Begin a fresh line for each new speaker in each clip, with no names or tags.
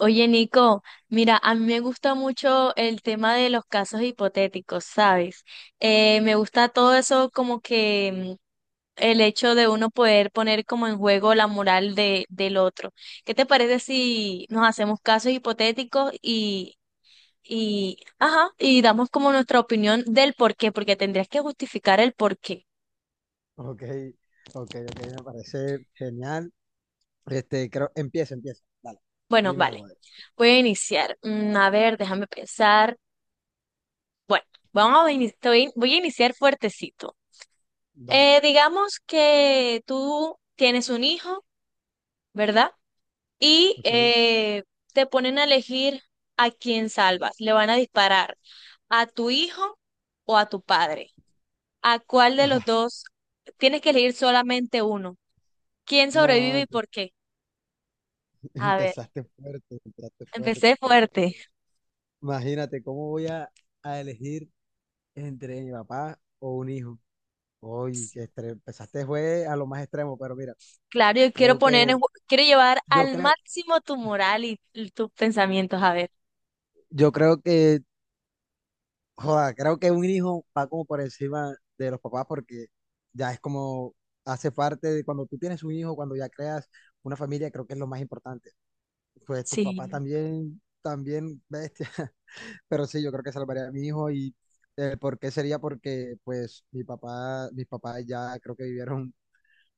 Oye, Nico, mira, a mí me gusta mucho el tema de los casos hipotéticos, ¿sabes? Me gusta todo eso como que el hecho de uno poder poner como en juego la moral de, del otro. ¿Qué te parece si nos hacemos casos hipotéticos y, ajá, y damos como nuestra opinión del por qué? Porque tendrías que justificar el por qué.
Ok, ok, ok, me parece genial. Creo, empieza. Dale,
Bueno,
dime
vale,
algo.
voy a iniciar. A ver, déjame pensar. Bueno, vamos a iniciar, voy a iniciar fuertecito.
Dale,
Digamos que tú tienes un hijo, ¿verdad? Y
ok.
te ponen a elegir a quién salvas. Le van a disparar a tu hijo o a tu padre. ¿A cuál de
Ah,
los dos? Tienes que elegir solamente uno. ¿Quién
no,
sobrevive y
empe-
por qué? A ver,
empezaste fuerte, empezaste fuerte.
empecé fuerte.
Imagínate, ¿cómo voy a elegir entre mi papá o un hijo? Hoy empezaste fue a lo más extremo, pero mira,
Claro, yo quiero
creo que,
poner,
Dale.
quiero llevar
yo
al
creo,
máximo tu moral y tus pensamientos. A ver,
yo creo que Joda, creo que un hijo va como por encima de los papás porque ya es como hace parte de cuando tú tienes un hijo, cuando ya creas una familia, creo que es lo más importante. Pues tus papás
sí.
también, también bestia. Pero sí, yo creo que salvaría a mi hijo y ¿por qué sería? Porque pues mis papás ya creo que vivieron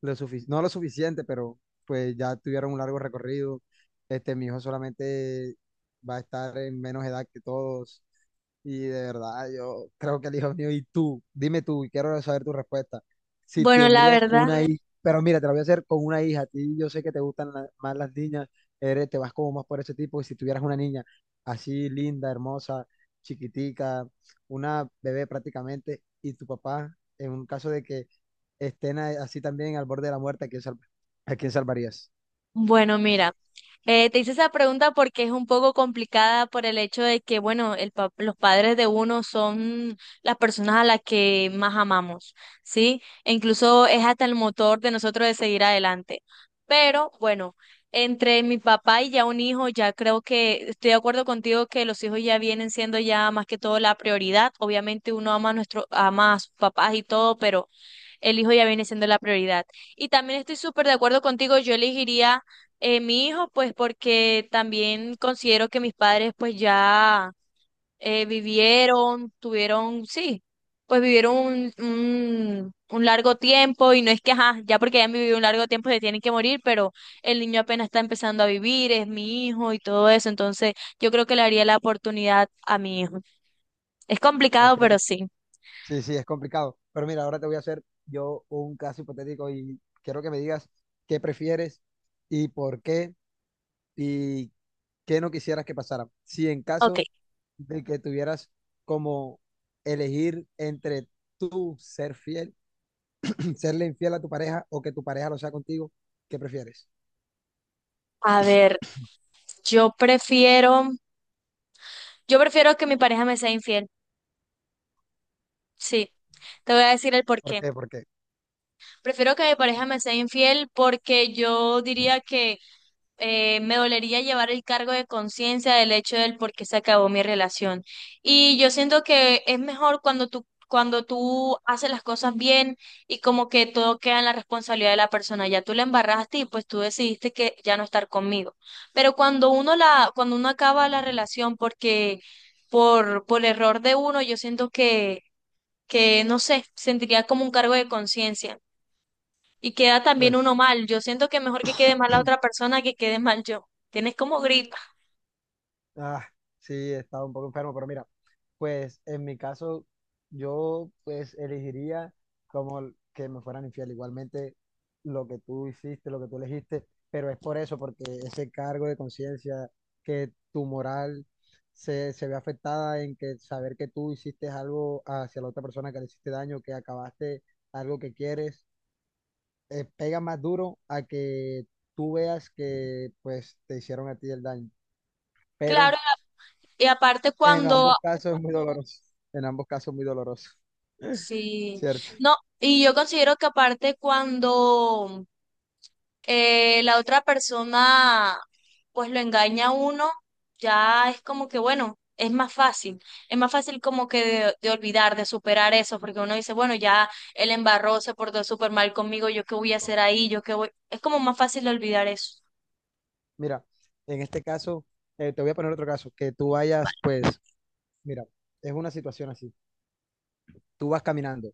lo suficiente, no lo suficiente, pero pues ya tuvieron un largo recorrido. Mi hijo solamente va a estar en menos edad que todos y de verdad, yo creo que el hijo mío, y tú, dime tú, y quiero saber tu respuesta. Si
Bueno, la
tendrías
verdad,
una Bueno, hija, pero mira, te lo voy a hacer con una hija. A ti yo sé que te gustan más las niñas, eres, te vas como más por ese tipo. Y si tuvieras una niña así linda, hermosa, chiquitica, una bebé prácticamente, y tu papá, en un caso de que estén así también al borde de la muerte, ¿a quién salvarías?
bueno, mira. Te hice esa pregunta porque es un poco complicada por el hecho de que, bueno, los padres de uno son las personas a las que más amamos, ¿sí? E incluso es hasta el motor de nosotros de seguir adelante. Pero bueno, entre mi papá y ya un hijo, ya creo que estoy de acuerdo contigo que los hijos ya vienen siendo ya más que todo la prioridad. Obviamente uno ama a nuestro, ama a sus papás y todo, pero el hijo ya viene siendo la prioridad. Y también estoy súper de acuerdo contigo, yo elegiría mi hijo, pues porque también considero que mis padres pues ya vivieron, tuvieron, sí, pues vivieron un largo tiempo y no es que, ajá, ya porque hayan vivido un largo tiempo se tienen que morir, pero el niño apenas está empezando a vivir, es mi hijo y todo eso, entonces yo creo que le haría la oportunidad a mi hijo. Es complicado,
¿Ok?
pero sí.
Sí, sí, es complicado. Pero mira, ahora te voy a hacer yo un caso hipotético y quiero que me digas qué prefieres y por qué y qué no quisieras que pasara. Si en
Ok,
caso de que tuvieras como elegir entre tú ser fiel, serle infiel a tu pareja o que tu pareja lo sea contigo, ¿qué prefieres?
a ver, yo prefiero... Yo prefiero que mi pareja me sea infiel. Sí, te voy a decir el por
¿Por
qué.
qué? ¿Por qué?
Prefiero que mi pareja me sea infiel porque yo diría que me dolería llevar el cargo de conciencia del hecho del por qué se acabó mi relación. Y yo siento que es mejor cuando tú haces las cosas bien y como que todo queda en la responsabilidad de la persona. Ya tú la embarraste y pues tú decidiste que ya no estar conmigo. Pero cuando uno la, cuando uno acaba la relación porque por error de uno, yo siento que no sé, sentiría como un cargo de conciencia y queda también
Pues
uno mal. Yo siento que mejor que quede mal la otra persona que quede mal yo. Tienes como gripa.
Ah, sí, he estado un poco enfermo, pero mira, pues en mi caso, yo pues elegiría como que me fueran infiel. Igualmente, lo que tú hiciste, lo que tú elegiste, pero es por eso, porque ese cargo de conciencia, que tu moral se, se ve afectada en que saber que tú hiciste algo hacia la otra persona que le hiciste daño, que acabaste algo que quieres, pega más duro a que tú veas que pues te hicieron a ti el daño. Pero
Claro, y aparte
en
cuando,
ambos casos es muy doloroso. En ambos casos muy doloroso,
sí,
¿cierto?
no, y yo considero que aparte cuando la otra persona pues lo engaña a uno, ya es como que bueno, es más fácil como que de olvidar, de superar eso, porque uno dice, bueno, ya él embarró, se portó súper mal conmigo, yo qué voy a hacer ahí, yo qué voy, es como más fácil de olvidar eso,
Mira, en este caso, te voy a poner otro caso, que tú vayas, pues, mira, es una situación así. Tú vas caminando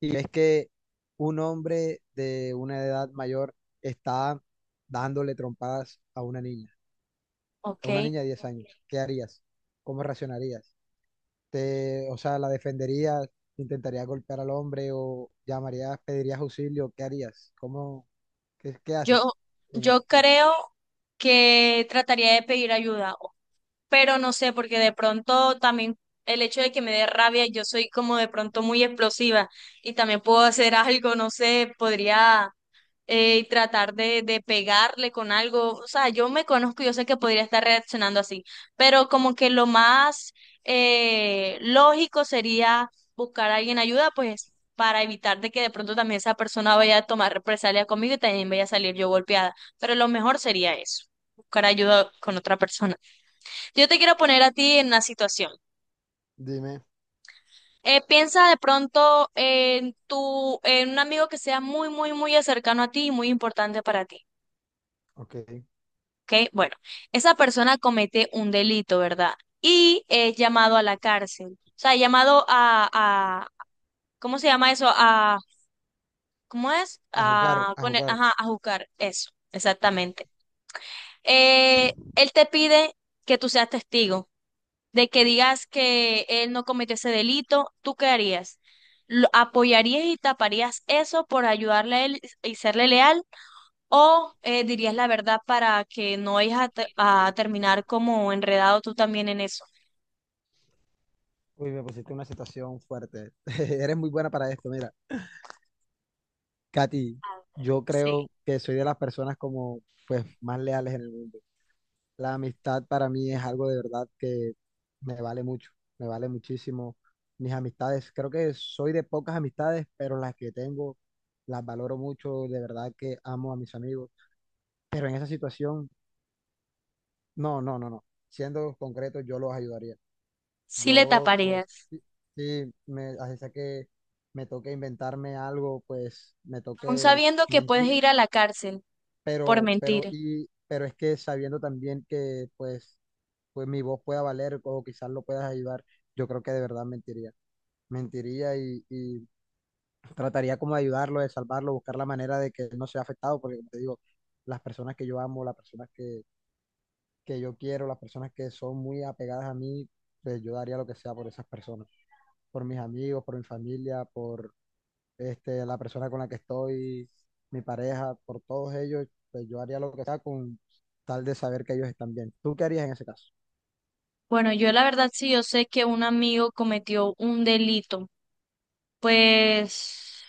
y es que un hombre de una edad mayor está dándole trompadas
¿ok?
a una niña de 10 años. ¿Qué harías? ¿Cómo reaccionarías? Te, o sea, ¿la defenderías? ¿Intentarías golpear al hombre o llamarías, pedirías auxilio? ¿Qué harías? ¿Cómo, qué, qué
Yo,
haces?
yo creo que trataría de pedir ayuda, pero no sé, porque de pronto también el hecho de que me dé rabia, yo soy como de pronto muy explosiva y también puedo hacer algo, no sé, podría tratar de pegarle con algo, o sea, yo me conozco, yo sé que podría estar reaccionando así, pero como que lo más lógico sería buscar a alguien ayuda, pues para evitar de que de pronto también esa persona vaya a tomar represalias conmigo y también vaya a salir yo golpeada. Pero lo mejor sería eso, buscar ayuda con otra persona. Yo te quiero poner a ti en una situación.
Dime,
Piensa de pronto en tu, en un amigo que sea muy, muy, muy cercano a ti y muy importante para ti.
ok.
¿Ok? Bueno, esa persona comete un delito, ¿verdad? Y es llamado a la cárcel. O sea, llamado a, ¿cómo se llama eso? A, ¿cómo es?
A jugar,
A,
a jugar.
ajá, a juzgar. Eso, exactamente. Él te pide que tú seas testigo. De que digas que él no cometió ese delito, ¿tú qué harías? ¿Lo apoyarías y taparías eso por ayudarle a él y serle leal? ¿O dirías la verdad para que no vayas a, a terminar como enredado tú también en eso?
Uy, me pusiste una situación fuerte. Eres muy buena para esto, mira. Katy, yo
Sí,
creo que soy de las personas como, pues, más leales en el mundo. La amistad para mí es algo de verdad que me vale mucho, me vale muchísimo. Mis amistades, creo que soy de pocas amistades, pero las que tengo las valoro mucho, de verdad que amo a mis amigos. Pero en esa situación, no, no, no, no. Siendo concreto, yo los ayudaría.
sí le
Yo, pues,
taparías,
sí, sí, me, así sea que me toque inventarme algo, pues, me
aún
toque
sabiendo que puedes
mentir,
ir a la cárcel por mentir.
pero es que sabiendo también que, pues, pues mi voz pueda valer o quizás lo puedas ayudar, yo creo que de verdad mentiría. Mentiría y trataría como de ayudarlo, de salvarlo, buscar la manera de que él no sea afectado, porque como te digo, las personas que yo amo, que yo quiero, las personas que son muy apegadas a mí, pues yo daría lo que sea por esas personas. Por mis amigos, por mi familia, por la persona con la que estoy, mi pareja, por todos ellos, pues yo haría lo que sea con tal de saber que ellos están bien. ¿Tú qué harías en ese caso?
Bueno, yo la verdad sí, yo sé que un amigo cometió un delito, pues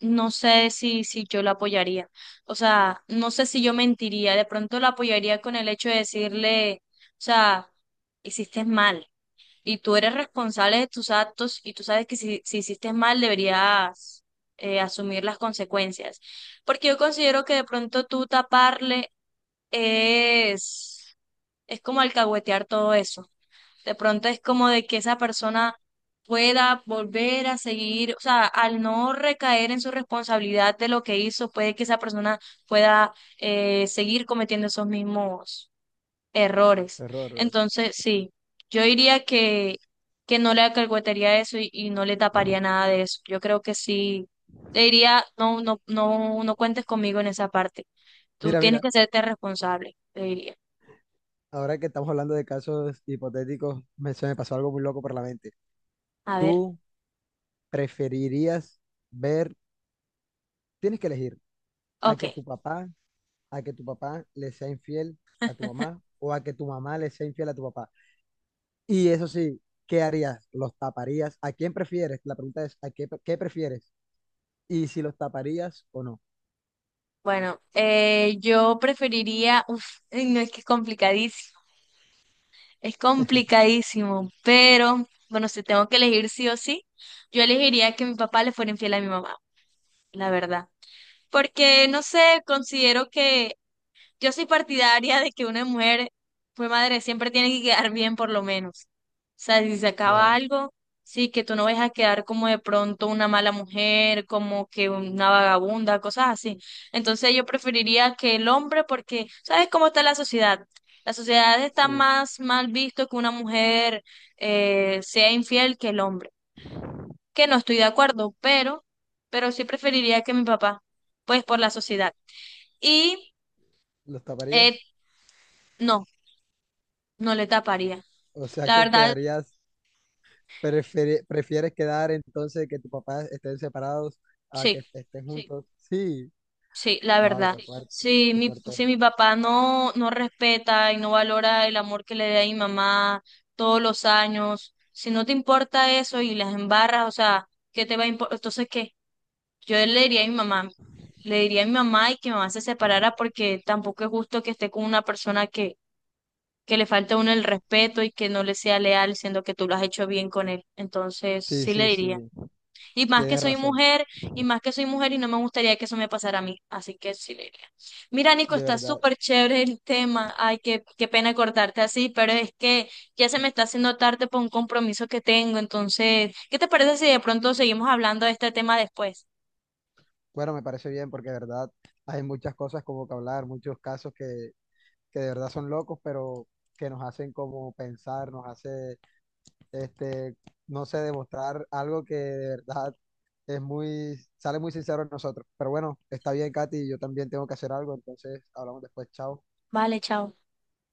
no sé si, si yo la apoyaría. O sea, no sé si yo mentiría. De pronto la apoyaría con el hecho de decirle, o sea, hiciste mal y tú eres responsable de tus actos y tú sabes que si, si hiciste mal deberías asumir las consecuencias. Porque yo considero que de pronto tú taparle es, es como alcahuetear todo eso. De pronto es como de que esa persona pueda volver a seguir, o sea, al no recaer en su responsabilidad de lo que hizo, puede que esa persona pueda seguir cometiendo esos mismos errores.
Error. Error.
Entonces, sí, yo diría que no le acalcuetaría eso y no le taparía nada de eso. Yo creo que sí, le diría, no, no, no, no cuentes conmigo en esa parte. Tú
Mira,
tienes
mira,
que serte responsable, le diría.
ahora que estamos hablando de casos hipotéticos, me, se me pasó algo muy loco por la mente.
A ver,
¿Tú preferirías ver, tienes que elegir, a
ok.
que tu papá, a que tu papá le sea infiel a tu mamá o a que tu mamá le sea infiel a tu papá? Y eso sí, ¿qué harías? ¿Los taparías? ¿A quién prefieres? La pregunta es, ¿qué prefieres? Y si los taparías o no.
Bueno, yo preferiría, uf, ay, no es que es complicadísimo, pero bueno, si tengo que elegir sí o sí, yo elegiría que mi papá le fuera infiel a mi mamá, la verdad. Porque, no sé, considero que yo soy partidaria de que una mujer fue madre, siempre tiene que quedar bien por lo menos. O sea, si se acaba
Claro,
algo, sí, que tú no vayas a quedar como de pronto una mala mujer, como que una vagabunda, cosas así. Entonces yo preferiría que el hombre, porque, ¿sabes cómo está la sociedad? La sociedad está
sí,
más mal visto que una mujer sea infiel que el hombre. Que no estoy de acuerdo, pero sí preferiría que mi papá, pues por la sociedad. Y
¿Los
eh,
taparías?
no. No le taparía.
O sea,
La
que
verdad,
quedarías, prefieres quedar entonces que tus papás estén separados a
sí,
que estén juntos. Sí,
sí, la
wow,
verdad.
qué fuerte,
Si
qué
mi,
fuerte.
si
Eres.
mi papá no, no respeta y no valora el amor que le da a mi mamá todos los años, si no te importa eso y las embarras, o sea, ¿qué te va a importar? Entonces, ¿qué? Yo le diría a mi mamá, le diría a mi mamá y que mi mamá se separara porque tampoco es justo que esté con una persona que le falta a uno el respeto y que no le sea leal, siendo que tú lo has hecho bien con él. Entonces,
Sí,
sí le
sí,
diría.
sí,
Y más que
tienes
soy
razón,
mujer, y más que soy mujer, y no me gustaría que eso me pasara a mí. Así que sí le diría. Mira, Nico,
de
está
verdad.
súper chévere el tema. Ay, qué, qué pena cortarte así, pero es que ya se me está haciendo tarde por un compromiso que tengo. Entonces, ¿qué te parece si de pronto seguimos hablando de este tema después?
Bueno, me parece bien porque de verdad hay muchas cosas como que hablar, muchos casos que de verdad son locos, pero que nos hacen como pensar, nos hace este, no sé, demostrar algo que de verdad es muy, sale muy sincero en nosotros. Pero bueno, está bien, Katy, yo también tengo que hacer algo, entonces hablamos después, chao.
Vale, chao.